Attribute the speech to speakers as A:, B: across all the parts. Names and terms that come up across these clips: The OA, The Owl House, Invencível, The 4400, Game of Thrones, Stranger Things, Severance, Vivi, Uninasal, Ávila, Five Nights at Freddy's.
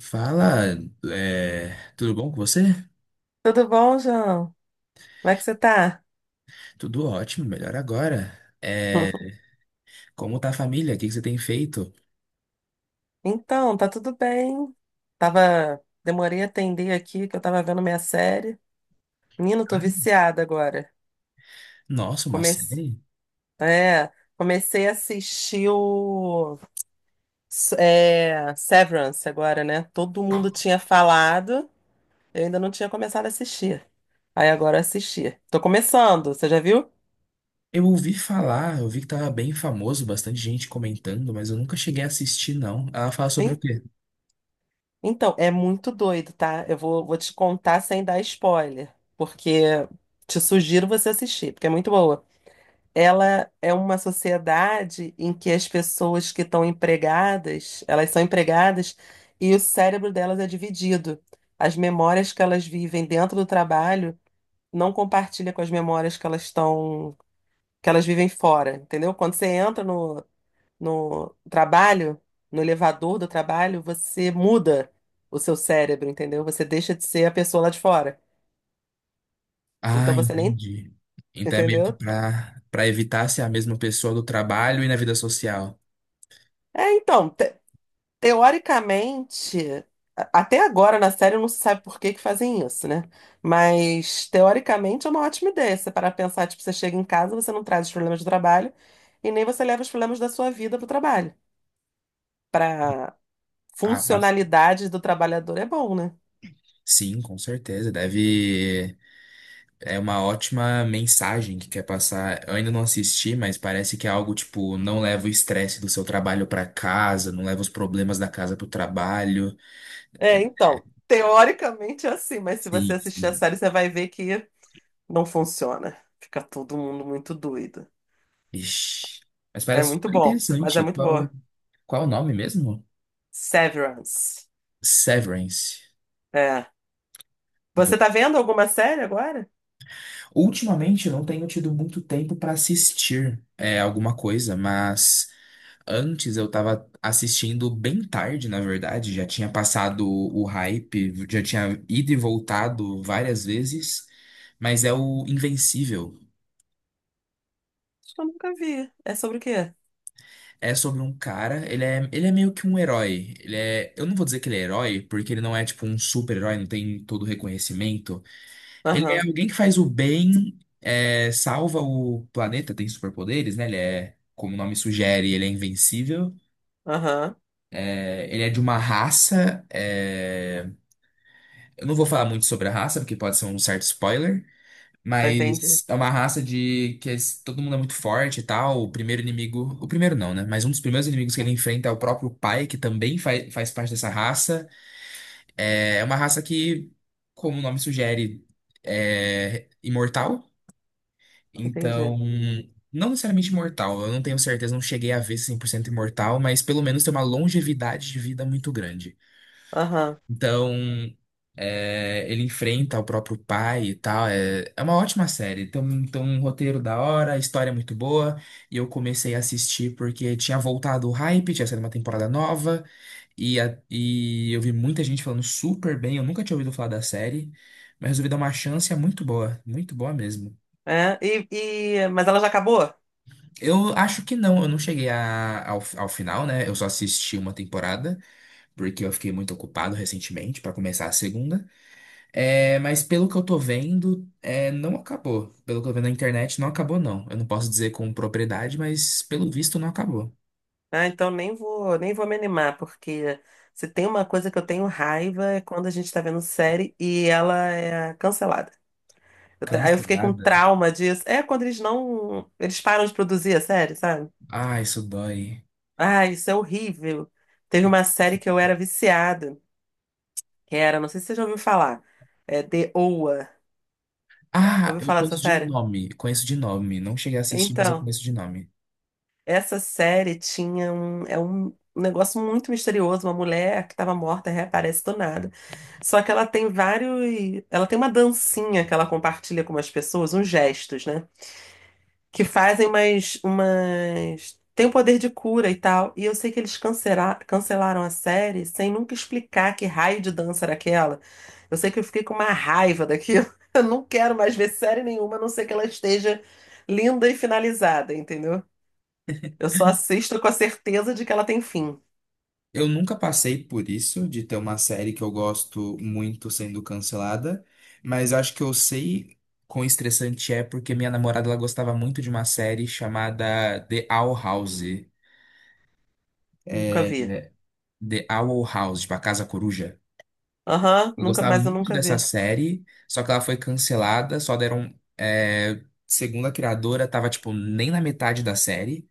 A: Fala, tudo bom com você?
B: Tudo bom, João? Como é que você tá?
A: Tudo ótimo, melhor agora. Como tá a família? O que que você tem feito?
B: Então, tá tudo bem. Tava, demorei a atender aqui, que eu tava vendo minha série. Menino, tô viciada agora.
A: Nossa, uma
B: Comecei,
A: série?
B: é, comecei a assistir o Severance agora, né? Todo mundo tinha falado, eu ainda não tinha começado a assistir. Aí agora eu assisti. Tô começando, você já viu?
A: Eu ouvi falar, eu vi que tava bem famoso, bastante gente comentando, mas eu nunca cheguei a assistir, não. Ela fala sobre o quê?
B: Então, é muito doido, tá? Vou te contar sem dar spoiler, porque te sugiro você assistir, porque é muito boa. Ela é uma sociedade em que as pessoas que estão empregadas, elas são empregadas e o cérebro delas é dividido. As memórias que elas vivem dentro do trabalho não compartilha com as memórias que elas estão, que elas vivem fora, entendeu? Quando você entra no trabalho, no elevador do trabalho, você muda o seu cérebro, entendeu? Você deixa de ser a pessoa lá de fora. Então
A: Ah,
B: você nem,
A: entendi. Então é meio que
B: entendeu?
A: pra evitar ser a mesma pessoa do trabalho e na vida social.
B: Então, teoricamente, até agora na série não se sabe por que que fazem isso, né? Mas teoricamente é uma ótima ideia. Se você parar pra pensar, tipo, você chega em casa, você não traz os problemas do trabalho e nem você leva os problemas da sua vida pro trabalho. Pra
A: Ah, mas
B: funcionalidade do trabalhador é bom, né?
A: sim, com certeza. Deve. É uma ótima mensagem que quer passar. Eu ainda não assisti, mas parece que é algo tipo, não leva o estresse do seu trabalho para casa, não leva os problemas da casa pro trabalho. É,
B: É, então, teoricamente é assim, mas se você
A: sim,
B: assistir a
A: sim.
B: série, você vai ver que não funciona. Fica todo mundo muito doido.
A: Ixi. Mas
B: É
A: parece
B: muito
A: super
B: bom, mas é
A: interessante.
B: muito boa.
A: Qual o nome mesmo?
B: Severance.
A: Severance.
B: É. Você
A: Vou-
B: tá vendo alguma série agora?
A: Ultimamente eu não tenho tido muito tempo para assistir alguma coisa, mas antes eu tava assistindo bem tarde, na verdade, já tinha passado o hype, já tinha ido e voltado várias vezes, mas é o Invencível.
B: Acho que eu nunca vi. É sobre o quê?
A: É sobre um cara, ele é meio que um herói. Ele é, eu não vou dizer que ele é herói, porque ele não é tipo um super-herói, não tem todo o reconhecimento. Ele é
B: Aham,
A: alguém que faz o bem, é, salva o planeta, tem superpoderes, né? Ele é, como o nome sugere, ele é invencível.
B: aham.
A: É, ele é de uma raça. Eu não vou falar muito sobre a raça, porque pode ser um certo spoiler.
B: Eu entendi,
A: Mas é uma raça de que todo mundo é muito forte e tal. O primeiro inimigo. O primeiro não, né? Mas um dos primeiros inimigos que ele enfrenta é o próprio pai, que também faz parte dessa raça. É uma raça que, como o nome sugere, é imortal.
B: entendi.
A: Então, não necessariamente imortal, eu não tenho certeza, não cheguei a ver 100% imortal, mas pelo menos tem uma longevidade de vida muito grande.
B: Aham.
A: Então, é, ele enfrenta o próprio pai e tal, é, é uma ótima série. Tem um roteiro da hora, a história é muito boa, e eu comecei a assistir porque tinha voltado o hype, tinha saído uma temporada nova, e eu vi muita gente falando super bem, eu nunca tinha ouvido falar da série, mas resolvi dar uma chance, é muito boa mesmo.
B: É, mas ela já acabou?
A: Eu acho que não, eu não ao, ao final, né? Eu só assisti uma temporada, porque eu fiquei muito ocupado recentemente pra começar a segunda. É, mas pelo que eu tô vendo, é, não acabou. Pelo que eu vi na internet, não acabou, não. Eu não posso dizer com propriedade, mas pelo visto não acabou.
B: Ah, então nem vou me animar, porque se tem uma coisa que eu tenho raiva é quando a gente tá vendo série e ela é cancelada. Aí eu fiquei com
A: Cancelada?
B: trauma disso. É quando eles não. Eles param de produzir a série, sabe?
A: Ah, isso dói.
B: Ah, isso é horrível. Teve uma série que eu era viciada, que era, não sei se você já ouviu falar, é The OA. Já
A: Ah,
B: ouviu
A: eu
B: falar dessa
A: conheço de
B: série?
A: nome, conheço de nome. Não cheguei a assistir, mas eu
B: Então,
A: conheço de nome.
B: essa série tinha um. É um negócio muito misterioso. Uma mulher que estava morta reaparece do nada. Só que ela tem vários. Ela tem uma dancinha que ela compartilha com umas pessoas, uns gestos, né? Que fazem umas, umas... Tem o poder de cura e tal. E eu sei que eles cancelaram a série sem nunca explicar que raio de dança era aquela. Eu sei que eu fiquei com uma raiva daquilo. Eu não quero mais ver série nenhuma, a não ser que ela esteja linda e finalizada, entendeu? Eu só assisto com a certeza de que ela tem fim.
A: Eu nunca passei por isso, de ter uma série que eu gosto muito sendo cancelada, mas acho que eu sei quão estressante é porque minha namorada ela gostava muito de uma série chamada The Owl House.
B: Nunca
A: É,
B: vi.
A: é, The Owl House, tipo a Casa Coruja.
B: Aham,
A: Eu
B: nunca,
A: gostava
B: mas eu
A: muito
B: nunca
A: dessa
B: vi.
A: série, só que ela foi cancelada, só deram. É, segundo a criadora, tava tipo nem na metade da série.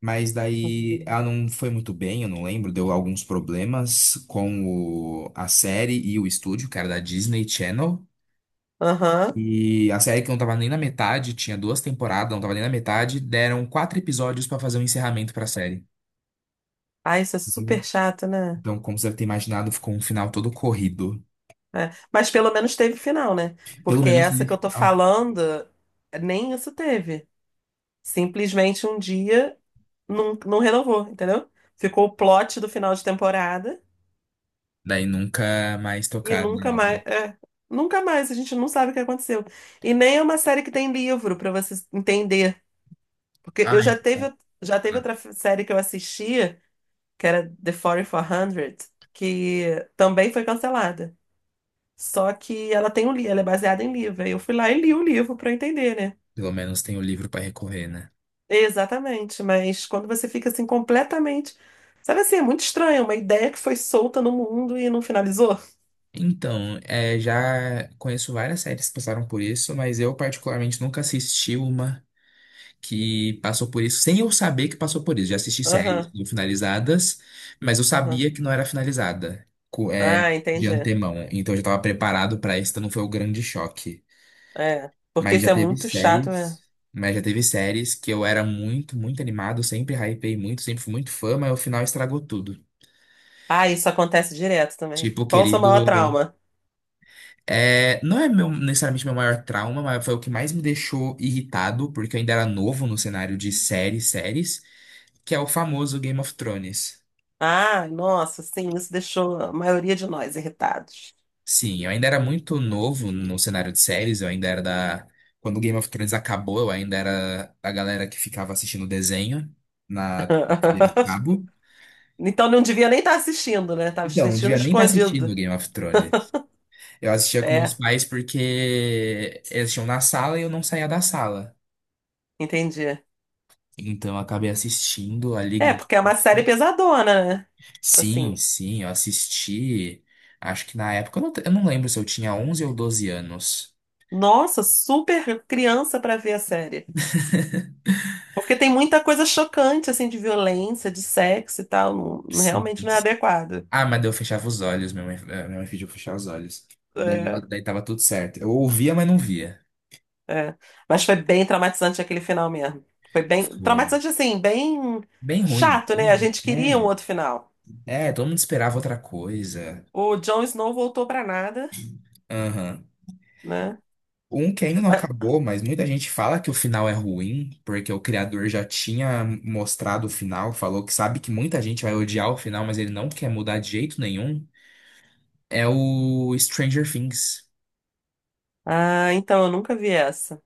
A: Mas daí ela não foi muito bem, eu não lembro, deu alguns problemas com a série e o estúdio, que era da Disney Channel.
B: Aham.
A: E a série que não tava nem na metade, tinha duas temporadas, não tava nem na metade, deram quatro episódios pra fazer um encerramento pra série.
B: Ah, isso é super chato, né?
A: Então, como você deve ter imaginado, ficou um final todo corrido.
B: É, mas pelo menos teve final, né?
A: Pelo
B: Porque
A: menos
B: essa
A: teve
B: que eu tô
A: final.
B: falando, nem isso teve. Simplesmente um dia não renovou, entendeu? Ficou o plot do final de temporada
A: Daí nunca mais
B: e
A: tocaram
B: nunca
A: na
B: mais.
A: obra.
B: Nunca mais, a gente não sabe o que aconteceu. E nem é uma série que tem livro pra você entender. Porque
A: Ah, então,
B: já teve
A: tá.
B: outra série que eu assistia, que era The 4400, que também foi cancelada. Só que ela tem ela é baseada em livro. Aí eu fui lá e li o livro pra eu entender, né?
A: Pelo menos tem o livro pra recorrer, né?
B: Exatamente, mas quando você fica assim completamente. Sabe assim, é muito estranho, uma ideia que foi solta no mundo e não finalizou.
A: Então, é, já conheço várias séries que passaram por isso, mas eu particularmente nunca assisti uma que passou por isso, sem eu saber que passou por isso. Já assisti séries
B: Aham,
A: não finalizadas, mas eu
B: aham.
A: sabia que não era finalizada,
B: Ah,
A: de
B: entendi.
A: antemão. Então eu já estava preparado para isso, então não foi o grande choque.
B: É, porque
A: Mas
B: isso
A: já
B: é
A: teve
B: muito chato mesmo.
A: séries, mas já teve séries que eu era muito animado, sempre hypei muito, sempre fui muito fã, mas o final estragou tudo.
B: Ah, isso acontece direto também.
A: Tipo, o
B: Qual o seu
A: querido.
B: maior trauma?
A: É, não é meu, necessariamente meu maior trauma, mas foi o que mais me deixou irritado, porque eu ainda era novo no cenário de séries, que é o famoso Game of Thrones.
B: Ah, nossa, sim, isso deixou a maioria de nós irritados.
A: Sim, eu ainda era muito novo no cenário de séries, eu ainda era da. Quando o Game of Thrones acabou, eu ainda era a galera que ficava assistindo desenho na TV a cabo.
B: Então não devia nem estar assistindo, né? Tava
A: Então, não
B: assistindo
A: devia nem estar assistindo
B: escondido.
A: Game of Thrones. Eu assistia com meus
B: É,
A: pais porque eles tinham na sala e eu não saía da sala.
B: entendi.
A: Então, eu acabei assistindo a
B: É,
A: Liga.
B: porque é uma série pesadona, né? Tipo
A: Sim,
B: assim.
A: sim, eu assisti. Acho que na época, eu não lembro se eu tinha 11 ou 12 anos.
B: Nossa, super criança pra ver a série. Porque tem muita coisa chocante, assim, de violência, de sexo e tal.
A: Sim,
B: Realmente não é
A: sim.
B: adequado.
A: Ah, mas daí eu fechava os olhos, minha mãe, minha mãe pediu pra eu fechar os olhos. Daí,
B: É,
A: daí tava tudo certo. Eu ouvia, mas não via.
B: é. Mas foi bem traumatizante aquele final mesmo. Foi bem
A: Foi
B: traumatizante, assim, bem
A: bem ruim.
B: chato,
A: Bem,
B: né? A
A: ruim.
B: gente queria um outro final.
A: É, é, todo mundo esperava outra coisa.
B: O Jon Snow voltou pra nada,
A: Aham.
B: né?
A: Um que ainda não
B: Ah,
A: acabou, mas muita gente fala que o final é ruim, porque o criador já tinha mostrado o final, falou que sabe que muita gente vai odiar o final, mas ele não quer mudar de jeito nenhum. É o Stranger Things.
B: ah, então, eu nunca vi essa.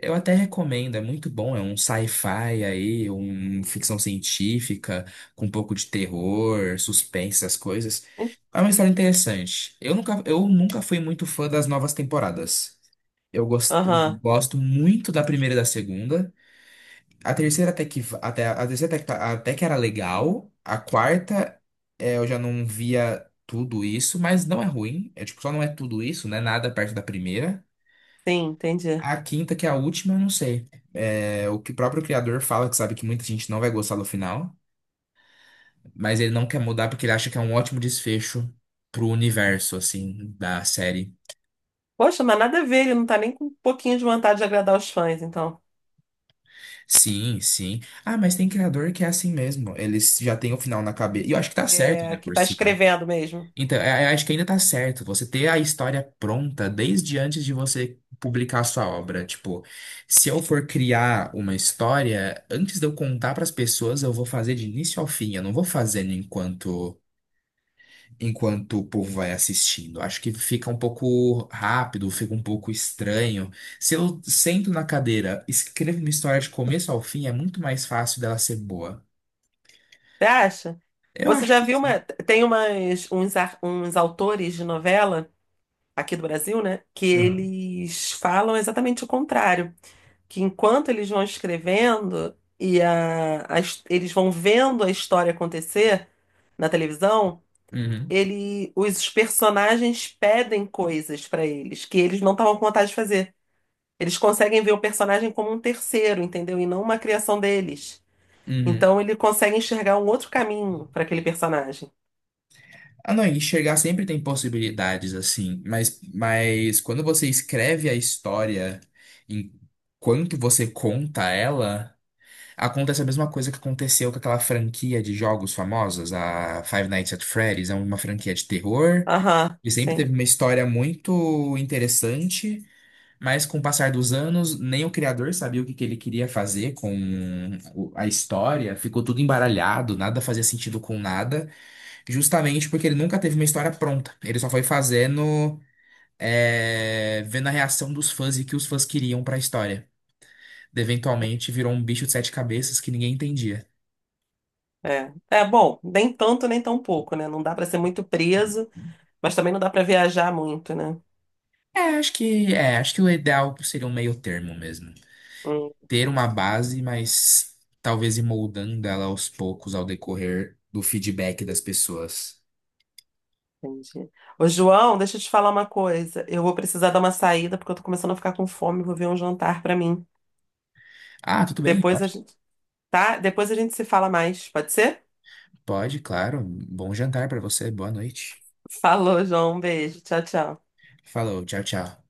A: Eu até recomendo, é muito bom. É um sci-fi aí, um ficção científica, com um pouco de terror, suspense, essas coisas. É uma história interessante. Eu nunca fui muito fã das novas temporadas. Eu gosto,
B: Aham,
A: gosto muito da primeira e da segunda. A terceira até que era legal. A quarta, é, eu já não via tudo isso, mas não é ruim. É tipo, só não é tudo isso, né? Nada perto da primeira.
B: sim, entendi.
A: A quinta, que é a última, eu não sei. É o que o próprio criador fala, que sabe que muita gente não vai gostar do final, mas ele não quer mudar porque ele acha que é um ótimo desfecho pro universo, assim, da série.
B: Poxa, mas nada a ver, ele não tá nem com um pouquinho de vontade de agradar os fãs, então.
A: Sim, sim. Ah, mas tem criador que é assim mesmo. Eles já têm o final na cabeça. E eu acho que tá certo
B: É,
A: ainda
B: que
A: por
B: tá
A: cima.
B: escrevendo mesmo.
A: Então, eu acho que ainda tá certo você ter a história pronta desde antes de você publicar a sua obra. Tipo, se eu for criar uma história, antes de eu contar para as pessoas, eu vou fazer de início ao fim. Eu não vou fazendo enquanto o povo vai assistindo. Acho que fica um pouco rápido, fica um pouco estranho. Se eu sento na cadeira, escrevo uma história de começo ao fim, é muito mais fácil dela ser boa.
B: Você acha?
A: Eu
B: Você
A: acho
B: já
A: que.
B: viu uma. Tem umas, uns autores de novela, aqui do Brasil, né? Que
A: Uhum.
B: eles falam exatamente o contrário. Que enquanto eles vão escrevendo e eles vão vendo a história acontecer na televisão,
A: Uhum,
B: ele, os personagens pedem coisas para eles que eles não estavam com vontade de fazer. Eles conseguem ver o personagem como um terceiro, entendeu? E não uma criação deles.
A: uhum.
B: Então ele consegue enxergar um outro caminho para aquele personagem.
A: Ah, não, enxergar sempre tem possibilidades, assim, mas quando você escreve a história, enquanto você conta ela, acontece a mesma coisa que aconteceu com aquela franquia de jogos famosos, a Five Nights at Freddy's, é uma franquia de terror,
B: Aham,
A: e sempre teve
B: sim.
A: uma história muito interessante, mas com o passar dos anos, nem o criador sabia o que que ele queria fazer com a história, ficou tudo embaralhado, nada fazia sentido com nada. Justamente porque ele nunca teve uma história pronta. Ele só foi fazendo, é, vendo a reação dos fãs e o que os fãs queriam pra história. Eventualmente virou um bicho de sete cabeças que ninguém entendia.
B: É. É bom, nem tanto nem tão pouco, né? Não dá pra ser muito preso, mas também não dá pra viajar muito, né?
A: É, acho que o ideal seria um meio termo mesmo.
B: Hum,
A: Ter uma base, mas talvez ir moldando ela aos poucos ao decorrer do feedback das pessoas.
B: entendi. Ô, João, deixa eu te falar uma coisa. Eu vou precisar dar uma saída porque eu tô começando a ficar com fome, vou ver um jantar pra mim.
A: Ah, tudo bem,
B: Depois a gente, tá? Depois a gente se fala mais, pode ser?
A: pode, claro. Bom jantar pra você, boa noite.
B: Falou, João, um beijo. Tchau, tchau.
A: Falou, tchau, tchau.